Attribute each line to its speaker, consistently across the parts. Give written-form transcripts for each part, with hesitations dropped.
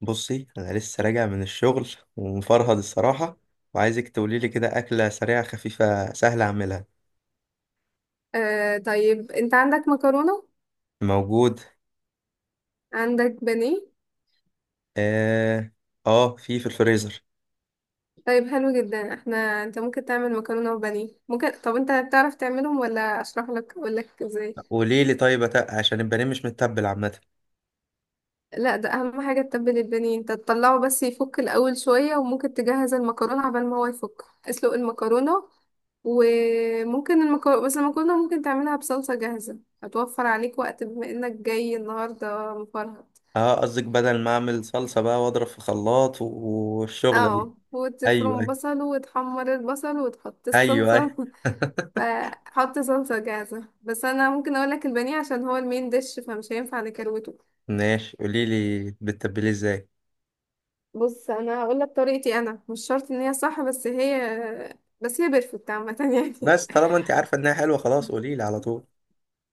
Speaker 1: بصي، انا لسه راجع من الشغل ومفرهد الصراحه، وعايزك تقولي لي كده اكله سريعه خفيفه سهله اعملها.
Speaker 2: آه، طيب انت عندك مكرونة؟
Speaker 1: موجود.
Speaker 2: عندك بانيه؟
Speaker 1: اه، اه. في الفريزر.
Speaker 2: طيب حلو جدا. انت ممكن تعمل مكرونة وبانيه ممكن. طب انت بتعرف تعملهم ولا اشرح لك اقول لك ازاي؟
Speaker 1: قولي لي. طيب، عشان البانيه مش متبل عامه.
Speaker 2: لا، ده اهم حاجة تتبل البانيه. انت تطلعه بس يفك الاول شوية، وممكن تجهز المكرونة عبال ما هو يفك. اسلق المكرونة، وممكن المكرونة بس المكرونة ممكن تعملها بصلصة جاهزة، هتوفر عليك وقت بما انك جاي النهاردة مفرهد.
Speaker 1: اه، قصدك بدل ما اعمل صلصه بقى واضرب في خلاط والشغله دي.
Speaker 2: اه،
Speaker 1: ايوه،
Speaker 2: وتفرم
Speaker 1: ايوه.
Speaker 2: بصل وتحمر البصل وتحط
Speaker 1: ايوه،
Speaker 2: الصلصة.
Speaker 1: ايوه.
Speaker 2: فحط صلصة جاهزة. بس أنا ممكن أقولك البانيه، عشان هو المين ديش فمش هينفع نكروته.
Speaker 1: ماشي، قولي لي بتتبليه ازاي؟
Speaker 2: بص، أنا هقولك طريقتي. أنا مش شرط إن هي صح، بس هي بيرفكت عامة يعني.
Speaker 1: بس طالما انت عارفه انها حلوه خلاص قولي لي على طول.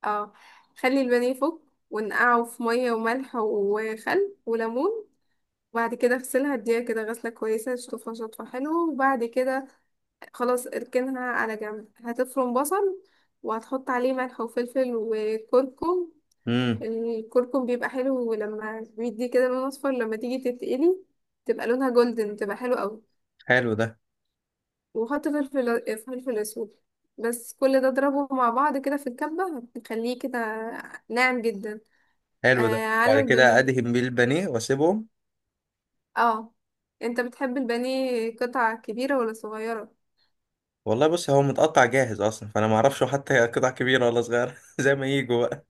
Speaker 2: اه، خلي البانيه فوق، ونقعه في مية وملح وخل وليمون، وبعد كده اغسلها، اديها كده غسلة كويسة، تشطفها شطفة حلوة، وبعد كده خلاص اركنها على جنب. هتفرم بصل وهتحط عليه ملح وفلفل وكركم.
Speaker 1: امم.
Speaker 2: الكركم بيبقى حلو، لما بيدي كده لون اصفر لما تيجي تتقلي تبقى لونها جولدن، تبقى حلو قوي.
Speaker 1: حلو ده.
Speaker 2: وحط فلفل اسود. بس كل ده اضربه مع بعض كده في الكبة، هتخليه كده ناعم جدا. آه،
Speaker 1: حلو ده، بعد
Speaker 2: على
Speaker 1: كده
Speaker 2: البانيه.
Speaker 1: ادهن بيه البانيه واسيبهم.
Speaker 2: اه. انت بتحب البانيه قطع كبيرة ولا صغيرة؟
Speaker 1: والله بص، هو متقطع جاهز اصلا، فانا ما اعرفش حتى قطع كبيره ولا صغيره زي ما يجوا بقى.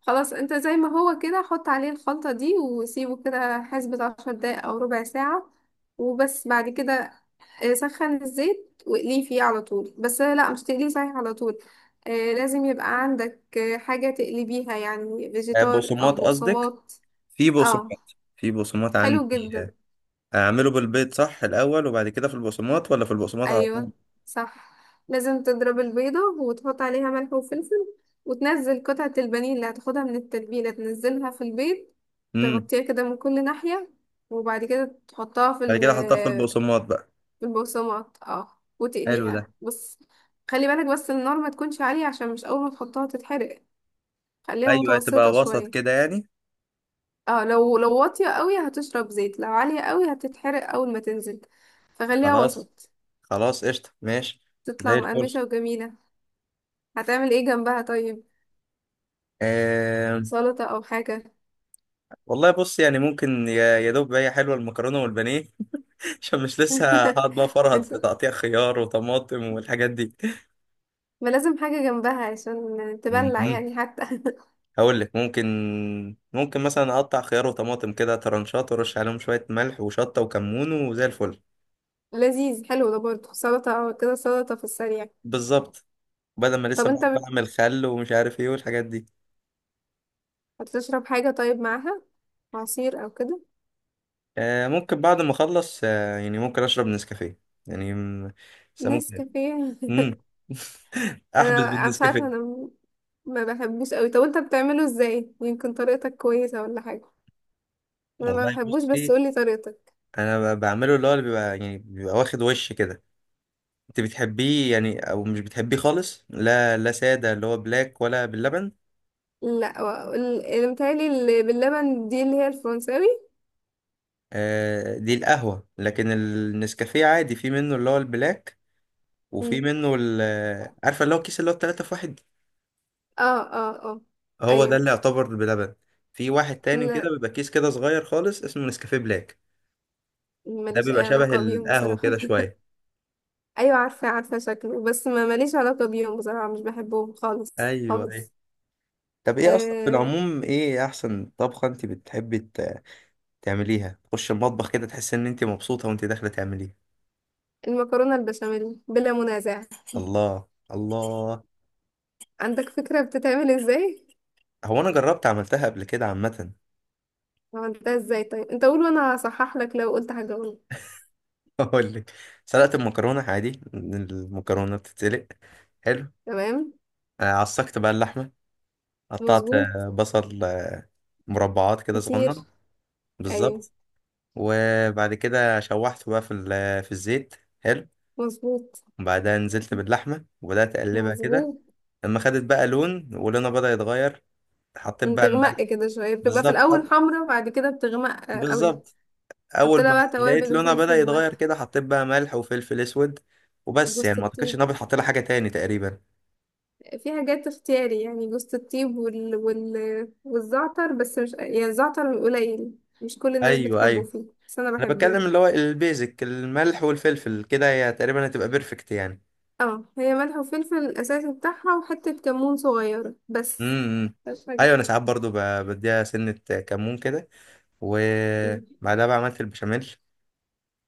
Speaker 2: خلاص، انت زي ما هو كده حط عليه الخلطة دي وسيبه كده حسبة 10 دقايق او ربع ساعة، وبس. بعد كده سخن الزيت واقليه فيه على طول. بس لا، مش تقليه صحيح على طول. لازم يبقى عندك حاجة تقلبيها يعني،
Speaker 1: آه،
Speaker 2: فيجيتار او
Speaker 1: بقسماط قصدك؟
Speaker 2: بقسماط.
Speaker 1: في
Speaker 2: اه،
Speaker 1: بقسماط في بقسماط
Speaker 2: حلو
Speaker 1: عندي
Speaker 2: جدا.
Speaker 1: اعمله بالبيض صح الاول، وبعد كده في البقسماط، ولا في البقسماط على
Speaker 2: ايوه،
Speaker 1: طول؟
Speaker 2: صح. لازم تضرب البيضة وتحط عليها ملح وفلفل، وتنزل قطعة البانيه اللي هتاخدها من التتبيلة، تنزلها في البيض،
Speaker 1: امم.
Speaker 2: تغطيها كده من كل ناحية، وبعد كده تحطها في
Speaker 1: بعد كده احطها في البقسماط بقى.
Speaker 2: في البقسماط، اه،
Speaker 1: حلو ده.
Speaker 2: وتقليها. بس خلي بالك، بس النار ما تكونش عالية عشان مش اول ما تحطها تتحرق. خليها
Speaker 1: ايوه،
Speaker 2: متوسطة
Speaker 1: هتبقى وسط
Speaker 2: شوية.
Speaker 1: كده يعني.
Speaker 2: اه، لو واطية قوي هتشرب زيت، لو عالية قوي هتتحرق اول ما تنزل، فخليها
Speaker 1: خلاص.
Speaker 2: وسط.
Speaker 1: خلاص، قشطه، ماشي.
Speaker 2: تطلع
Speaker 1: زي الفل.
Speaker 2: مقرمشة وجميلة. هتعمل ايه جنبها طيب؟
Speaker 1: آه،
Speaker 2: سلطة او حاجة؟
Speaker 1: والله بص، يعني ممكن يا دوب هي حلوه المكرونه والبانيه. عشان مش لسه هقعد بقى فرهد في
Speaker 2: انت
Speaker 1: تقطيع خيار وطماطم والحاجات دي.
Speaker 2: ما لازم حاجة جنبها، عشان تبلع
Speaker 1: مهم.
Speaker 2: يعني حتى.
Speaker 1: هقول لك ممكن. ممكن مثلا اقطع خيار وطماطم كده ترنشات وارش عليهم شويه ملح وشطه وكمون وزي الفل.
Speaker 2: لذيذ، حلو ده برضه. سلطة او كده، سلطة في السريع.
Speaker 1: بالظبط. بدل ما
Speaker 2: طب
Speaker 1: لسه
Speaker 2: انت
Speaker 1: بقعد بعمل خل ومش عارف ايه والحاجات دي.
Speaker 2: هتشرب حاجة طيب معاها؟ عصير او كده؟
Speaker 1: آه، ممكن بعد ما اخلص يعني ممكن اشرب نسكافيه. يعني بس ممكن.
Speaker 2: نسكافيه؟
Speaker 1: امم.
Speaker 2: انا
Speaker 1: احبس
Speaker 2: أنا مش عارفة.
Speaker 1: بالنسكافيه.
Speaker 2: ما بحبوش قوي. طب انت بتعمله ازاي؟ يمكن طريقتك كويسة ولا حاجة. انا ما
Speaker 1: والله
Speaker 2: بحبوش، بس
Speaker 1: بصي.
Speaker 2: قولي طريقتك.
Speaker 1: انا بعمله اللي هو اللي بيبقى يعني بيبقى واخد وش كده. انت بتحبيه يعني او مش بتحبيه خالص؟ لا، لا، ساده اللي هو بلاك ولا باللبن؟
Speaker 2: لا، اللي متهيألي اللي باللبن دي اللي هي الفرنساوي.
Speaker 1: آه، دي القهوة، لكن النسكافيه عادي في منه اللي هو البلاك. وفي منه ال آه، عارفة اللي هو الكيس اللي هو التلاتة في واحد.
Speaker 2: اه اه اه.
Speaker 1: هو ده
Speaker 2: ايوه.
Speaker 1: اللي يعتبر بلبن. في واحد تاني
Speaker 2: لا،
Speaker 1: كده بيبقى كيس كده صغير خالص اسمه نسكافيه بلاك. ده
Speaker 2: ماليش اي
Speaker 1: بيبقى شبه
Speaker 2: علاقة بيهم
Speaker 1: القهوة
Speaker 2: بصراحة.
Speaker 1: كده شوية.
Speaker 2: ايوه عارفة، عارفة شكله، بس ما ماليش علاقة بيهم بصراحة، مش بحبهم خالص
Speaker 1: أيوه، أيوه.
Speaker 2: خالص.
Speaker 1: طب، إيه أصلا في
Speaker 2: آه،
Speaker 1: العموم، إيه أحسن طبخة أنت بتحبي تعمليها؟ تخش المطبخ كده تحس إن أنت مبسوطة وأنت داخلة تعمليها.
Speaker 2: المكرونة البشاميل بلا منازع.
Speaker 1: الله، الله.
Speaker 2: عندك فكرة بتتعمل ازاي؟
Speaker 1: هو أنا جربت عملتها قبل كده عامة.
Speaker 2: عملتها ازاي طيب؟ انت قول وانا هصحح لك لو قلت حاجة غلط.
Speaker 1: اقول لك. سلقت المكرونه عادي، المكرونه بتتسلق. حلو.
Speaker 2: تمام.
Speaker 1: عصقت بقى اللحمه. قطعت
Speaker 2: مظبوط.
Speaker 1: بصل مربعات كده
Speaker 2: كتير.
Speaker 1: صغنن.
Speaker 2: ايوه.
Speaker 1: بالظبط. وبعد كده شوحته بقى في في الزيت. حلو.
Speaker 2: مظبوط.
Speaker 1: وبعدها نزلت باللحمه وبدات اقلبها كده.
Speaker 2: مظبوط.
Speaker 1: لما خدت بقى لون، ولونها بدا يتغير. حطيت بقى
Speaker 2: بتغمق
Speaker 1: الملح.
Speaker 2: كده شوية، بتبقى في
Speaker 1: بالظبط،
Speaker 2: الاول
Speaker 1: حط.
Speaker 2: حمرا، بعد كده بتغمق قوي.
Speaker 1: بالظبط.
Speaker 2: حط
Speaker 1: اول
Speaker 2: لها
Speaker 1: ما
Speaker 2: بقى
Speaker 1: لقيت
Speaker 2: توابل
Speaker 1: لونها بدا
Speaker 2: وفلفل
Speaker 1: يتغير
Speaker 2: وملح.
Speaker 1: كده، حطيت بقى ملح وفلفل اسود. وبس
Speaker 2: جوز
Speaker 1: يعني ما اعتقدش ان
Speaker 2: الطيب.
Speaker 1: انا بتحط لها حاجه تاني تقريبا.
Speaker 2: في حاجات اختياري يعني، جوز الطيب والزعتر. بس مش يعني الزعتر قليل، مش كل الناس
Speaker 1: ايوه،
Speaker 2: بتحبه
Speaker 1: ايوه.
Speaker 2: فيه، بس انا
Speaker 1: انا
Speaker 2: بحبه.
Speaker 1: بتكلم اللي هو البيزك، الملح والفلفل كده هي تقريبا هتبقى بيرفكت يعني.
Speaker 2: اه، هي ملح وفلفل الاساسي بتاعها، وحتة كمون صغيرة، بس.
Speaker 1: امم.
Speaker 2: مش حاجة.
Speaker 1: ايوه، انا ساعات برضو بديها سنة، كمون كده.
Speaker 2: مم.
Speaker 1: وبعدها بقى عملت البشاميل.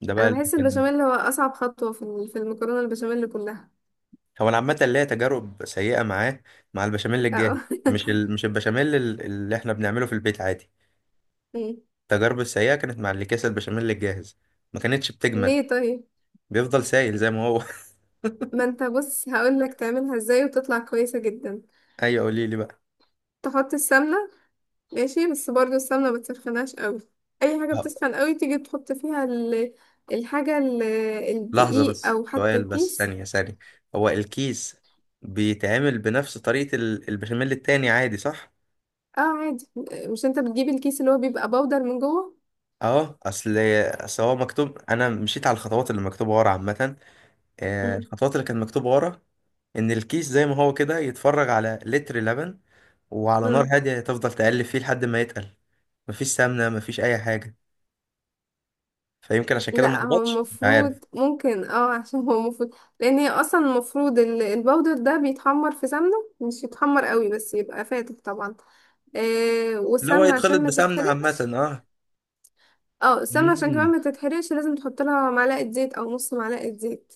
Speaker 1: ده بقى
Speaker 2: انا
Speaker 1: اللي
Speaker 2: بحس
Speaker 1: كان.
Speaker 2: البشاميل هو اصعب خطوة في في المكرونة البشاميل كلها.
Speaker 1: هو انا عامة ليا تجارب سيئة معاه، مع البشاميل الجاهز.
Speaker 2: اه.
Speaker 1: مش البشاميل اللي احنا بنعمله في البيت عادي.
Speaker 2: مم.
Speaker 1: التجارب السيئة كانت مع اللي كيس البشاميل الجاهز. ما كانتش بتجمد.
Speaker 2: ليه طيب؟
Speaker 1: بيفضل سايل زي ما هو.
Speaker 2: ما انت بص هقولك تعملها ازاي وتطلع كويسة جدا.
Speaker 1: ايوه، قولي لي بقى.
Speaker 2: تحط السمنة. ماشي. بس برضو السمنة ما تسخنهاش قوي. اي حاجة بتسخن قوي تيجي تحط فيها الحاجة
Speaker 1: لحظة
Speaker 2: الدقيق
Speaker 1: بس،
Speaker 2: او حتى
Speaker 1: سؤال بس،
Speaker 2: الكيس.
Speaker 1: ثانية، ثانية. هو الكيس بيتعمل بنفس طريقة البشاميل التاني عادي صح؟
Speaker 2: اه، عادي. مش انت بتجيب الكيس اللي هو بيبقى بودر من جوه.
Speaker 1: اه، اصل هو مكتوب، انا مشيت على الخطوات اللي مكتوبة ورا عامة.
Speaker 2: مم.
Speaker 1: الخطوات اللي كانت مكتوبة ورا. ان الكيس زي ما هو كده يتفرج على لتر لبن، وعلى نار
Speaker 2: مم.
Speaker 1: هادية تفضل تقلب فيه لحد ما يتقل. مفيش سمنة، مفيش أي حاجة. فيمكن عشان كده ما
Speaker 2: لا، هو
Speaker 1: ظبطش، مش عارف.
Speaker 2: المفروض ممكن اه. عشان هو المفروض، لان هي اصلا المفروض البودر ده بيتحمر في سمنة، مش يتحمر قوي، بس يبقى فاتح طبعا. آه،
Speaker 1: اللي هو
Speaker 2: والسمنة
Speaker 1: يتخلط
Speaker 2: عشان ما
Speaker 1: بسمنة عامة،
Speaker 2: تتحرقش.
Speaker 1: اه.
Speaker 2: اه، السمنة عشان كمان
Speaker 1: مم.
Speaker 2: ما تتحرقش لازم تحط لها معلقة زيت او نص معلقة زيت،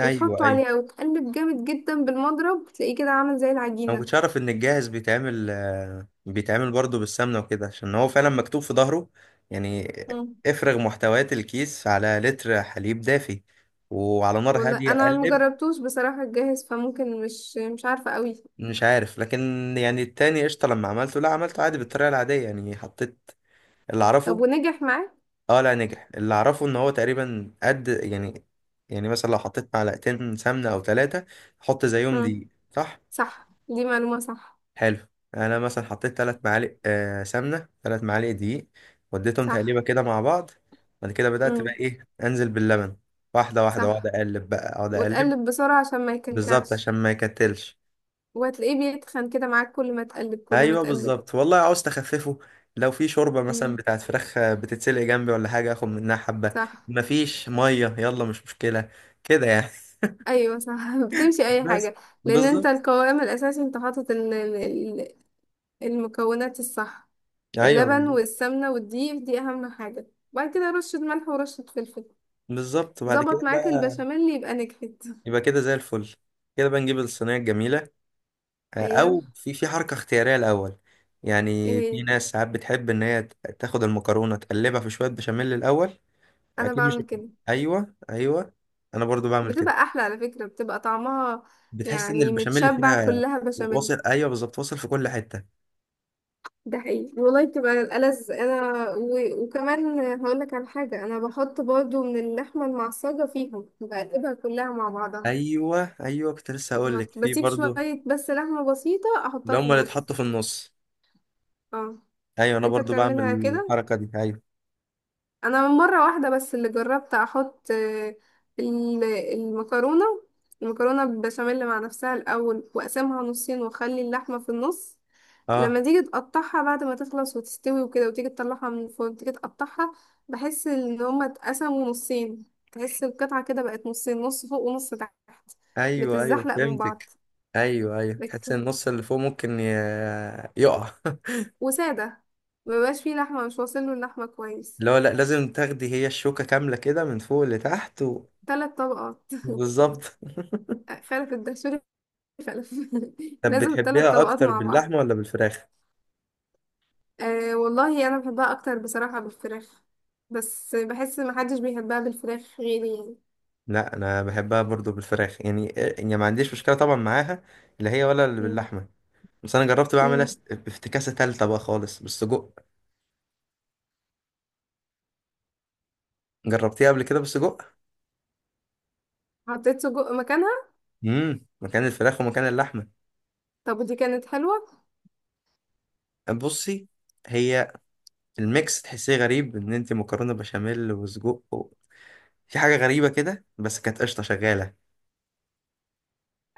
Speaker 1: أيوه، أيوه.
Speaker 2: عليه وتقلب جامد جدا بالمضرب، تلاقيه كده عامل زي
Speaker 1: انا ما
Speaker 2: العجينة.
Speaker 1: كنتش اعرف ان الجاهز بيتعمل برضه بالسمنه وكده، عشان هو فعلا مكتوب في ظهره يعني.
Speaker 2: مم.
Speaker 1: افرغ محتويات الكيس على لتر حليب دافي، وعلى نار
Speaker 2: والله
Speaker 1: هاديه
Speaker 2: انا
Speaker 1: قلب.
Speaker 2: مجربتوش بصراحة الجاهز، فممكن مش عارفة قوي.
Speaker 1: مش عارف، لكن يعني التاني قشطه لما عملته، لا، عملته عادي بالطريقه العاديه، يعني حطيت اللي
Speaker 2: طب
Speaker 1: اعرفه.
Speaker 2: ونجح معاك؟
Speaker 1: اه لا، نجح. اللي اعرفه ان هو تقريبا قد يعني. يعني مثلا لو حطيت معلقتين سمنه او ثلاثه، حط زيهم
Speaker 2: مم.
Speaker 1: دي صح.
Speaker 2: صح، دي معلومة صح.
Speaker 1: حلو. يعني انا مثلا حطيت 3 معالق سمنه، 3 معالق دقيق، وديتهم تقليبه
Speaker 2: صح.
Speaker 1: كده مع بعض. بعد كده بدات بقى
Speaker 2: مم.
Speaker 1: ايه، انزل باللبن. واحده واحده، واقعد
Speaker 2: صح.
Speaker 1: اقلب بقى اقعد اقلب.
Speaker 2: وتقلب بسرعة عشان ما
Speaker 1: بالظبط،
Speaker 2: يكلكعش.
Speaker 1: عشان ما يكتلش.
Speaker 2: وهتلاقيه بيتخن كده معاك، كل ما تقلب كل ما
Speaker 1: ايوه،
Speaker 2: تقلب.
Speaker 1: بالظبط، والله عاوز تخففه. لو في شوربه مثلا
Speaker 2: مم.
Speaker 1: بتاعت فراخ بتتسلق جنبي ولا حاجه اخد منها حبه.
Speaker 2: صح.
Speaker 1: مفيش ميه، يلا مش مشكله، كده يعني.
Speaker 2: ايوه صح. بتمشي اي
Speaker 1: بس.
Speaker 2: حاجة. لان انت
Speaker 1: بالظبط.
Speaker 2: القوام الاساسي انت حاطط ال- المكونات الصح. اللبن
Speaker 1: ايوه،
Speaker 2: والسمنة والدقيق دي أهم حاجة. بعد كده رشة ملح ورشة فلفل.
Speaker 1: بالظبط، بعد
Speaker 2: ظبط
Speaker 1: كده
Speaker 2: معاك
Speaker 1: بقى.
Speaker 2: البشاميل يبقى نجحت.
Speaker 1: يبقى كده زي الفل. كده بقى نجيب الصينيه الجميله، او
Speaker 2: أيوه.
Speaker 1: في حركه اختياريه الاول. يعني في
Speaker 2: ايه؟
Speaker 1: ناس ساعات بتحب ان هي تاخد المكرونه تقلبها في شويه بشاميل الاول.
Speaker 2: أنا
Speaker 1: اكيد مش.
Speaker 2: بعمل كده.
Speaker 1: ايوه، ايوه، انا برضو بعمل كده.
Speaker 2: بتبقى أحلى على فكرة، بتبقى طعمها
Speaker 1: بتحس ان
Speaker 2: يعني
Speaker 1: البشاميل
Speaker 2: متشبع
Speaker 1: فيها،
Speaker 2: كلها بشاميل.
Speaker 1: واصل، ايوه بالظبط، واصل في كل حته.
Speaker 2: ده حقيقي والله، بتبقى الألذ. أنا وكمان هقولك على حاجة، أنا بحط برضو من اللحمة المعصجة فيهم، بقلبها كلها مع بعضها.
Speaker 1: ايوه، ايوه، كنت لسه هقول لك في
Speaker 2: بسيب
Speaker 1: برضو.
Speaker 2: شوية بس لحمة بسيطة
Speaker 1: اللي
Speaker 2: أحطها في
Speaker 1: هم اللي
Speaker 2: النص.
Speaker 1: اتحطوا في النص.
Speaker 2: اه.
Speaker 1: ايوه، انا
Speaker 2: انت
Speaker 1: برضو بعمل
Speaker 2: بتعملها كده؟
Speaker 1: الحركه دي، ايوه.
Speaker 2: انا من مره واحده بس اللي جربت احط المكرونه المكرونه بالبشاميل مع نفسها الاول، واقسمها نصين واخلي اللحمه في النص. لما
Speaker 1: اه.
Speaker 2: تيجي تقطعها بعد ما تخلص وتستوي وكده، وتيجي تطلعها من الفرن، تيجي تقطعها، بحس ان هما اتقسموا نصين. تحس القطعه كده بقت نصين، نص فوق ونص تحت،
Speaker 1: ايوه، ايوه،
Speaker 2: بتتزحلق من
Speaker 1: فهمتك.
Speaker 2: بعض.
Speaker 1: ايوه، ايوه، تحس
Speaker 2: لكن-
Speaker 1: ان النص اللي فوق ممكن يقع.
Speaker 2: وساده. مبقاش فيه لحمه، مش واصله اللحمه كويس.
Speaker 1: لا، لا، لازم تاخدي هي الشوكة كاملة كده من فوق لتحت
Speaker 2: ثلاث طبقات.
Speaker 1: بالظبط.
Speaker 2: خلف الدهشوري، فلفل.
Speaker 1: طب
Speaker 2: لازم الثلاث
Speaker 1: بتحبيها
Speaker 2: طبقات
Speaker 1: أكتر
Speaker 2: مع بعض.
Speaker 1: باللحمة ولا بالفراخ؟
Speaker 2: أه والله انا بحبها اكتر بصراحة بالفراخ، بس بحس محدش بيحبها بالفراخ غيري يعني.
Speaker 1: لا، أنا بحبها برضو بالفراخ يعني، يعني ما عنديش مشكلة طبعا معاها، لا هي ولا اللي
Speaker 2: مم.
Speaker 1: باللحمة. بس أنا جربت بعملها
Speaker 2: مم.
Speaker 1: بافتكاسة تالتة بقى خالص بالسجق. جربتيها قبل كده بالسجق؟
Speaker 2: حطيت سجق مكانها.
Speaker 1: امم، مكان الفراخ ومكان اللحمة.
Speaker 2: طب ودي كانت حلوة؟
Speaker 1: بصي، هي الميكس تحسيه غريب إن أنت مكرونة بشاميل وسجق في حاجة غريبة كده بس كانت قشطة شغالة.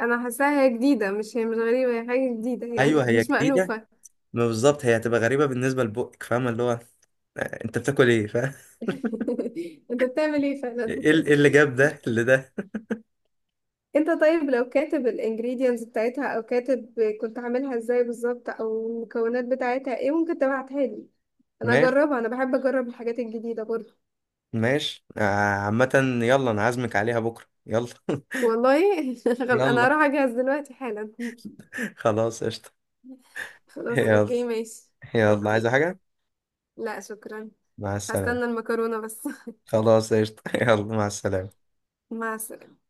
Speaker 2: انا حاساها هي جديدة. مش هي مش غريبة، هي حاجة جديدة
Speaker 1: أيوه،
Speaker 2: يعني.
Speaker 1: هي
Speaker 2: مش
Speaker 1: جديدة.
Speaker 2: مألوفة.
Speaker 1: ما بالظبط، هي هتبقى غريبة بالنسبة لبقك، فاهمة اللي هو انت بتاكل ايه فاهم.
Speaker 2: انت بتعمل ايه فعلا.
Speaker 1: ايه إيه إيه اللي جاب ده، إيه اللي ده.
Speaker 2: انت طيب لو كاتب الانجريدينتس بتاعتها، او كاتب كنت عاملها ازاي بالظبط، او المكونات بتاعتها ايه، ممكن تبعتها لي انا
Speaker 1: ماشي.
Speaker 2: اجربها. انا بحب اجرب الحاجات الجديدة برضه.
Speaker 1: ماشي عامة، يلا انا عازمك عليها بكرة، يلا.
Speaker 2: والله. شغل. انا
Speaker 1: يلا،
Speaker 2: هروح اجهز دلوقتي حالا.
Speaker 1: خلاص، قشطة.
Speaker 2: خلاص
Speaker 1: يلا.
Speaker 2: اوكي، ماشي.
Speaker 1: يلا، عايزة
Speaker 2: اوكي.
Speaker 1: حاجة؟
Speaker 2: لا شكرا.
Speaker 1: مع السلامة.
Speaker 2: هستنى المكرونة بس.
Speaker 1: خلاص، قشطة. يلا، مع السلامة.
Speaker 2: مع السلامة.